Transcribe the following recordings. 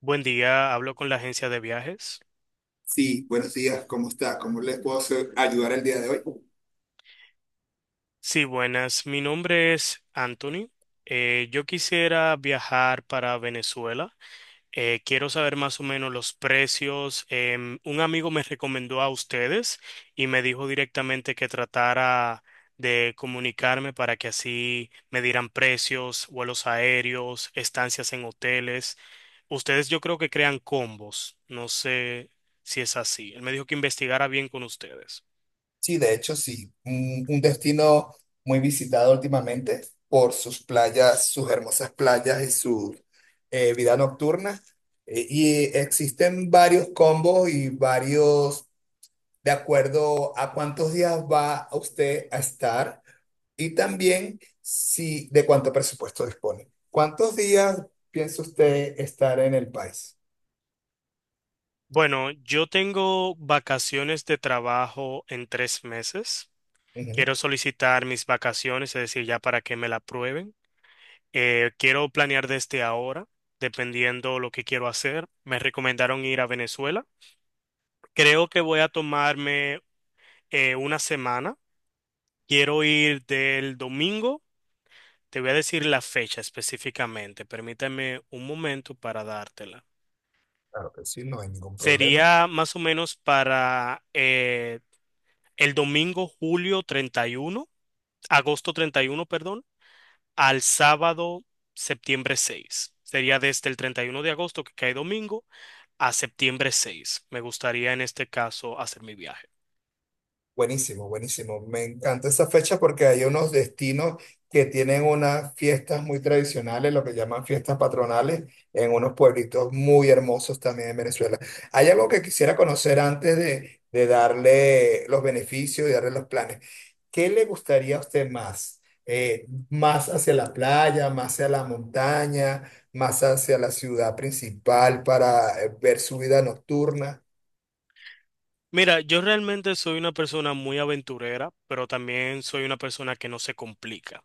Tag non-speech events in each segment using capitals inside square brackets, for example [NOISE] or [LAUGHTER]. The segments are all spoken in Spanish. Buen día, hablo con la agencia de viajes. Sí, buenos días, ¿cómo está? ¿Cómo les puedo ayudar el día de hoy? Sí, buenas, mi nombre es Anthony. Yo quisiera viajar para Venezuela. Quiero saber más o menos los precios. Un amigo me recomendó a ustedes y me dijo directamente que tratara de comunicarme para que así me dieran precios, vuelos aéreos, estancias en hoteles. Ustedes yo creo que crean combos. No sé si es así. Él me dijo que investigara bien con ustedes. Sí, de hecho, sí. Un destino muy visitado últimamente por sus playas, sus hermosas playas y su vida nocturna. Y existen varios combos y varios, de acuerdo a cuántos días va usted a estar y también si de cuánto presupuesto dispone. ¿Cuántos días piensa usted estar en el país? Bueno, yo tengo vacaciones de trabajo en 3 meses. Ujú. Quiero solicitar mis vacaciones, es decir, ya para que me la aprueben. Quiero planear desde ahora, dependiendo lo que quiero hacer. Me recomendaron ir a Venezuela. Creo que voy a tomarme una semana. Quiero ir del domingo. Te voy a decir la fecha específicamente. Permítame un momento para dártela. Claro que sí, no hay ningún problema. Sería más o menos para el domingo julio 31, agosto 31, perdón, al sábado septiembre 6. Sería desde el 31 de agosto, que cae domingo, a septiembre 6. Me gustaría en este caso hacer mi viaje. Buenísimo, buenísimo. Me encanta esa fecha porque hay unos destinos que tienen unas fiestas muy tradicionales, lo que llaman fiestas patronales, en unos pueblitos muy hermosos también en Venezuela. Hay algo que quisiera conocer antes de darle los beneficios y darle los planes. ¿Qué le gustaría a usted más? ¿Más hacia la playa, más hacia la montaña, más hacia la ciudad principal para ver su vida nocturna? Mira, yo realmente soy una persona muy aventurera, pero también soy una persona que no se complica.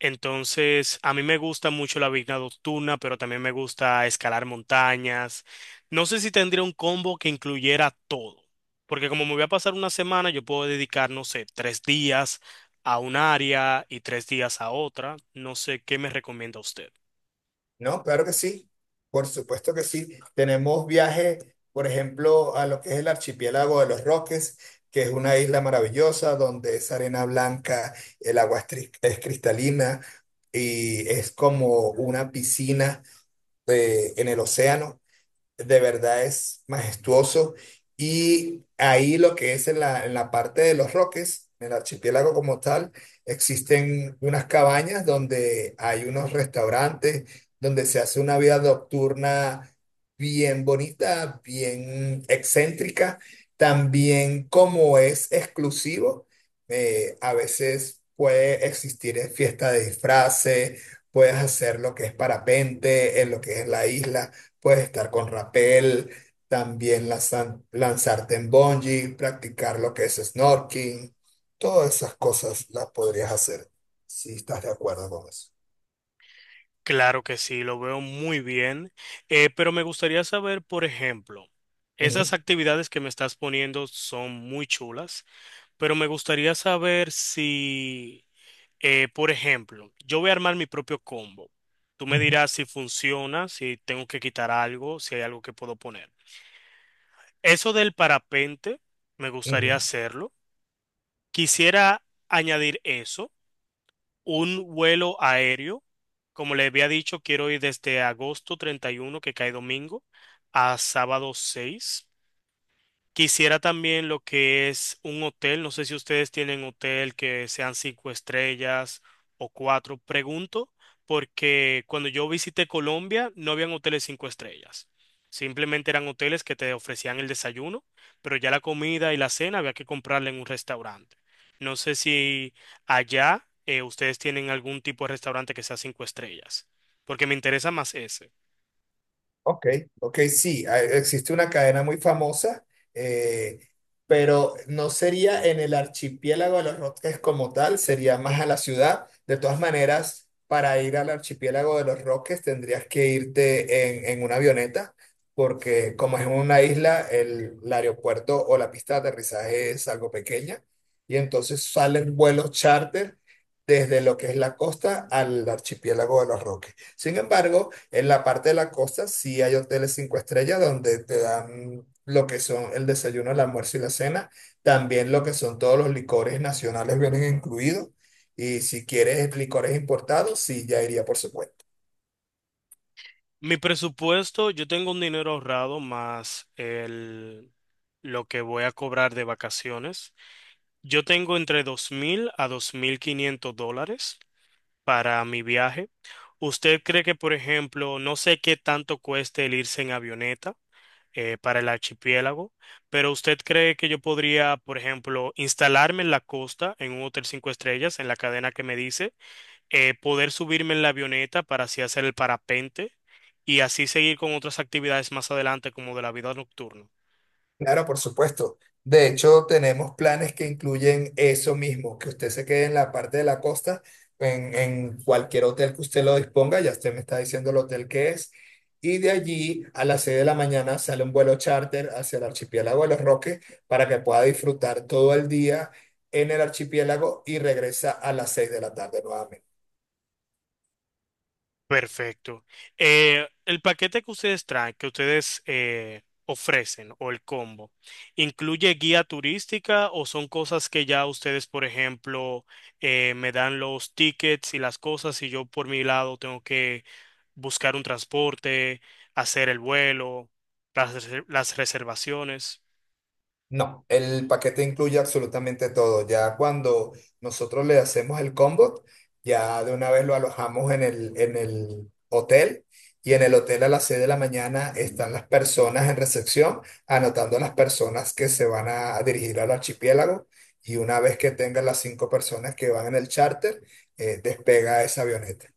Entonces, a mí me gusta mucho la vida nocturna, pero también me gusta escalar montañas. No sé si tendría un combo que incluyera todo, porque como me voy a pasar una semana, yo puedo dedicar, no sé, 3 días a un área y 3 días a otra. No sé qué me recomienda usted. No, claro que sí, por supuesto que sí. Tenemos viajes, por ejemplo, a lo que es el archipiélago de Los Roques, que es una isla maravillosa donde es arena blanca, el agua es cristalina y es como una piscina en el océano. De verdad es majestuoso. Y ahí lo que es en la parte de Los Roques, en el archipiélago como tal, existen unas cabañas donde hay unos restaurantes, donde se hace una vida nocturna bien bonita, bien excéntrica. También como es exclusivo, a veces puede existir fiesta de disfraces, puedes hacer lo que es parapente en lo que es la isla. Puedes estar con rapel, también lanzarte en bungee, practicar lo que es snorkeling. Todas esas cosas las podrías hacer si estás de acuerdo con eso. Claro que sí, lo veo muy bien, pero me gustaría saber, por ejemplo, Ujú, esas actividades que me estás poniendo son muy chulas, pero me gustaría saber si... Por ejemplo, yo voy a armar mi propio combo. Tú me ujú, dirás si funciona, si tengo que quitar algo, si hay algo que puedo poner. Eso del parapente, me gustaría ujú. hacerlo. Quisiera añadir eso, un vuelo aéreo. Como le había dicho, quiero ir desde agosto 31, que cae domingo, a sábado 6. Quisiera también lo que es un hotel. No sé si ustedes tienen hotel que sean cinco estrellas o cuatro. Pregunto porque cuando yo visité Colombia no habían hoteles cinco estrellas. Simplemente eran hoteles que te ofrecían el desayuno, pero ya la comida y la cena había que comprarla en un restaurante. No sé si allá ustedes tienen algún tipo de restaurante que sea cinco estrellas, porque me interesa más ese. Ok, ok, sí, existe una cadena muy famosa, eh, pero no sería en el archipiélago de Los Roques como tal, sería más a la ciudad. De todas maneras, para ir al archipiélago de Los Roques tendrías que irte en una avioneta, porque como es una isla, el aeropuerto o la pista de aterrizaje es algo pequeña, y entonces salen vuelos charter desde lo que es la costa al archipiélago de Los Roques. Sin embargo, en la parte de la costa sí hay hoteles cinco estrellas donde te dan lo que son el desayuno, el almuerzo y la cena. También lo que son todos los licores nacionales vienen incluidos. Y si quieres licores importados, sí, ya iría por su cuenta. Mi presupuesto, yo tengo un dinero ahorrado más el, lo que voy a cobrar de vacaciones. Yo tengo entre $2,000 a $2,500 para mi viaje. ¿Usted cree que, por ejemplo, no sé qué tanto cueste el irse en avioneta para el archipiélago, pero usted cree que yo podría, por ejemplo, instalarme en la costa, en un hotel cinco estrellas, en la cadena que me dice, poder subirme en la avioneta para así hacer el parapente? Y así seguir con otras actividades más adelante como de la vida nocturna. Claro, por supuesto. De hecho, tenemos planes que incluyen eso mismo, que usted se quede en la parte de la costa, en cualquier hotel que usted lo disponga, ya usted me está diciendo el hotel que es, y de allí a las 6 de la mañana sale un vuelo charter hacia el archipiélago de Los Roques para que pueda disfrutar todo el día en el archipiélago y regresa a las 6 de la tarde nuevamente. Perfecto. El paquete que ustedes traen, que ustedes ofrecen o el combo, ¿incluye guía turística o son cosas que ya ustedes, por ejemplo, me dan los tickets y las cosas y yo por mi lado tengo que buscar un transporte, hacer el vuelo, las reservaciones? No, el paquete incluye absolutamente todo. Ya cuando nosotros le hacemos el combo, ya de una vez lo alojamos en el hotel y en el hotel a las 6 de la mañana están las personas en recepción anotando las personas que se van a dirigir al archipiélago y una vez que tengan las cinco personas que van en el charter, despega esa avioneta.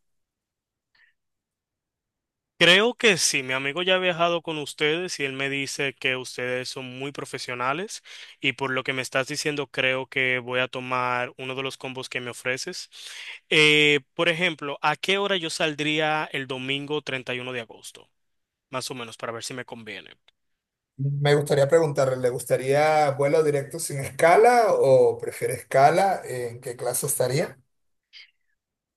Creo que sí, mi amigo ya ha viajado con ustedes y él me dice que ustedes son muy profesionales y por lo que me estás diciendo creo que voy a tomar uno de los combos que me ofreces. Por ejemplo, ¿a qué hora yo saldría el domingo 31 de agosto? Más o menos para ver si me conviene. Me gustaría preguntarle, ¿le gustaría vuelo directo sin escala o prefiere escala? ¿En qué clase estaría?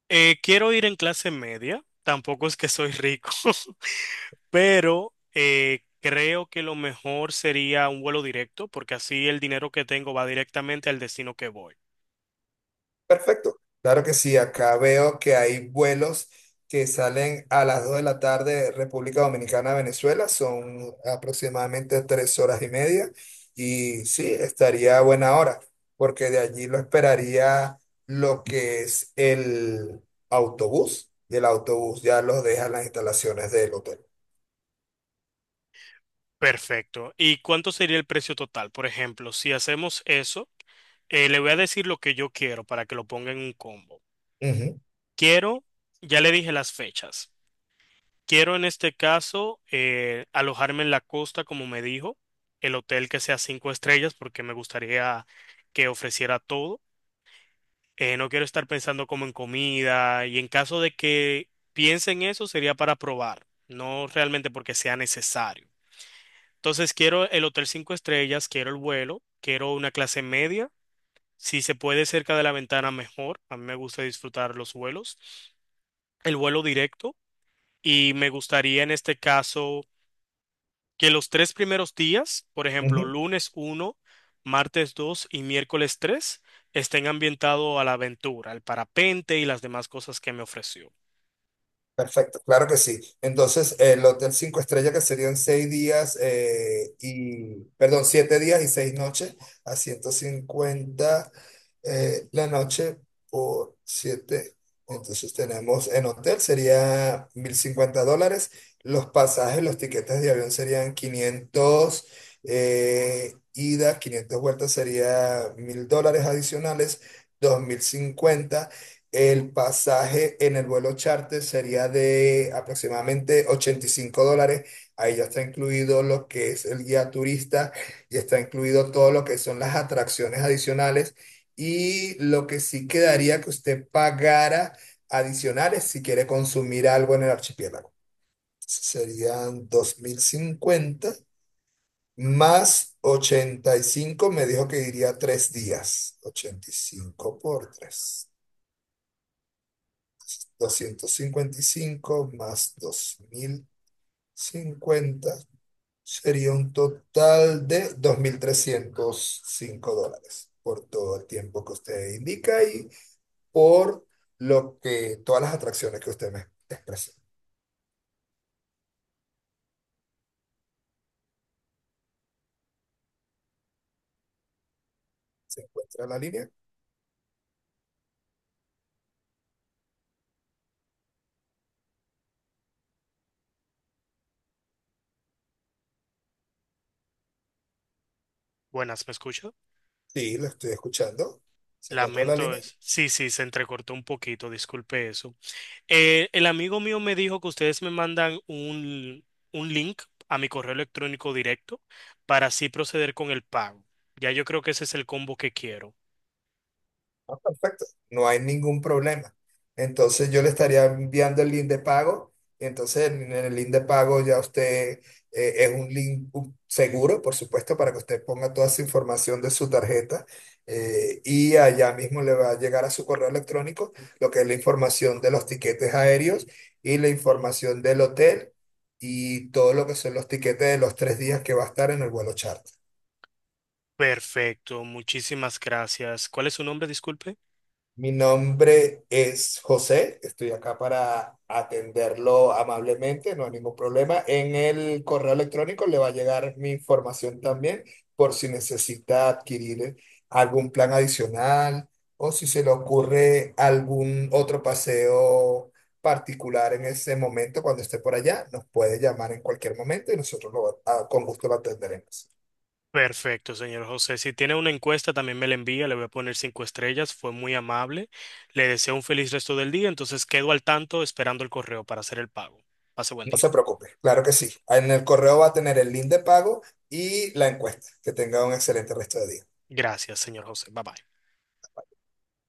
Quiero ir en clase media, tampoco es que soy rico, [LAUGHS] pero creo que lo mejor sería un vuelo directo porque así el dinero que tengo va directamente al destino que voy. Perfecto. Claro que sí, acá veo que hay vuelos que salen a las 2 de la tarde República Dominicana, Venezuela, son aproximadamente 3 horas y media y sí, estaría a buena hora, porque de allí lo esperaría lo que es el autobús y el autobús ya los deja en las instalaciones del hotel. Perfecto. ¿Y cuánto sería el precio total? Por ejemplo, si hacemos eso, le voy a decir lo que yo quiero para que lo ponga en un combo. Ujú, Quiero, ya le dije las fechas. Quiero en este caso alojarme en la costa, como me dijo, el hotel que sea cinco estrellas, porque me gustaría que ofreciera todo. No quiero estar pensando como en comida y en caso de que piense en eso sería para probar, no realmente porque sea necesario. Entonces quiero el hotel cinco estrellas, quiero el vuelo, quiero una clase media. Si se puede cerca de la ventana, mejor. A mí me gusta disfrutar los vuelos, el vuelo directo. Y me gustaría en este caso que los 3 primeros días, por ejemplo, ujú. lunes 1, martes 2 y miércoles 3, estén ambientados a la aventura, al parapente y las demás cosas que me ofreció. Perfecto, claro que sí. Entonces, el hotel cinco estrellas que serían 6 días y, perdón, 7 días y 6 noches a 150 la noche por siete. Entonces tenemos en hotel sería $1,050. Los pasajes, los tiquetes de avión serían 500 ida, 500 vueltas sería $1,000 adicionales, 2,050 el pasaje en el vuelo charter sería de aproximadamente $85. Ahí ya está incluido lo que es el guía turista y está incluido todo lo que son las atracciones adicionales. Y lo que sí quedaría que usted pagara adicionales si quiere consumir algo en el archipiélago. Serían 2,050 más 85. Me dijo que iría 3 días. 85 por 3. 255 más 2,050 sería un total de $2,305 por todo el tiempo que usted indica y por lo que todas las atracciones que usted me expresó. ¿Se encuentra en la línea? Buenas, ¿me escucha? Sí, lo estoy escuchando. ¿Se encuentra en la Lamento línea? es. Sí, sí, se entrecortó un poquito, disculpe eso. El amigo mío me dijo que ustedes me mandan un, link a mi correo electrónico directo para así proceder con el pago. Ya yo creo que ese es el combo que quiero. Ah, perfecto, no hay ningún problema. Entonces yo le estaría enviando el link de pago y entonces en el link de pago ya usted es un link seguro, por supuesto, para que usted ponga toda su información de su tarjeta y allá mismo le va a llegar a su correo electrónico lo que es la información de los tiquetes aéreos y la información del hotel y todo lo que son los tiquetes de los 3 días que va a estar en el vuelo charter. Perfecto, muchísimas gracias. ¿Cuál es su nombre? Disculpe. Mi nombre es José, estoy acá para atenderlo amablemente, no hay ningún problema. En el correo electrónico le va a llegar mi información también por si necesita adquirir algún plan adicional o si se le ocurre algún otro paseo particular en ese momento cuando esté por allá, nos puede llamar en cualquier momento y nosotros con gusto lo atenderemos. Perfecto, señor José. Si tiene una encuesta, también me la envía. Le voy a poner cinco estrellas. Fue muy amable. Le deseo un feliz resto del día. Entonces quedo al tanto esperando el correo para hacer el pago. Pase buen No se día. preocupe, claro que sí. En el correo va a tener el link de pago y la encuesta. Que tenga un excelente resto de día. Gracias, señor José. Bye bye.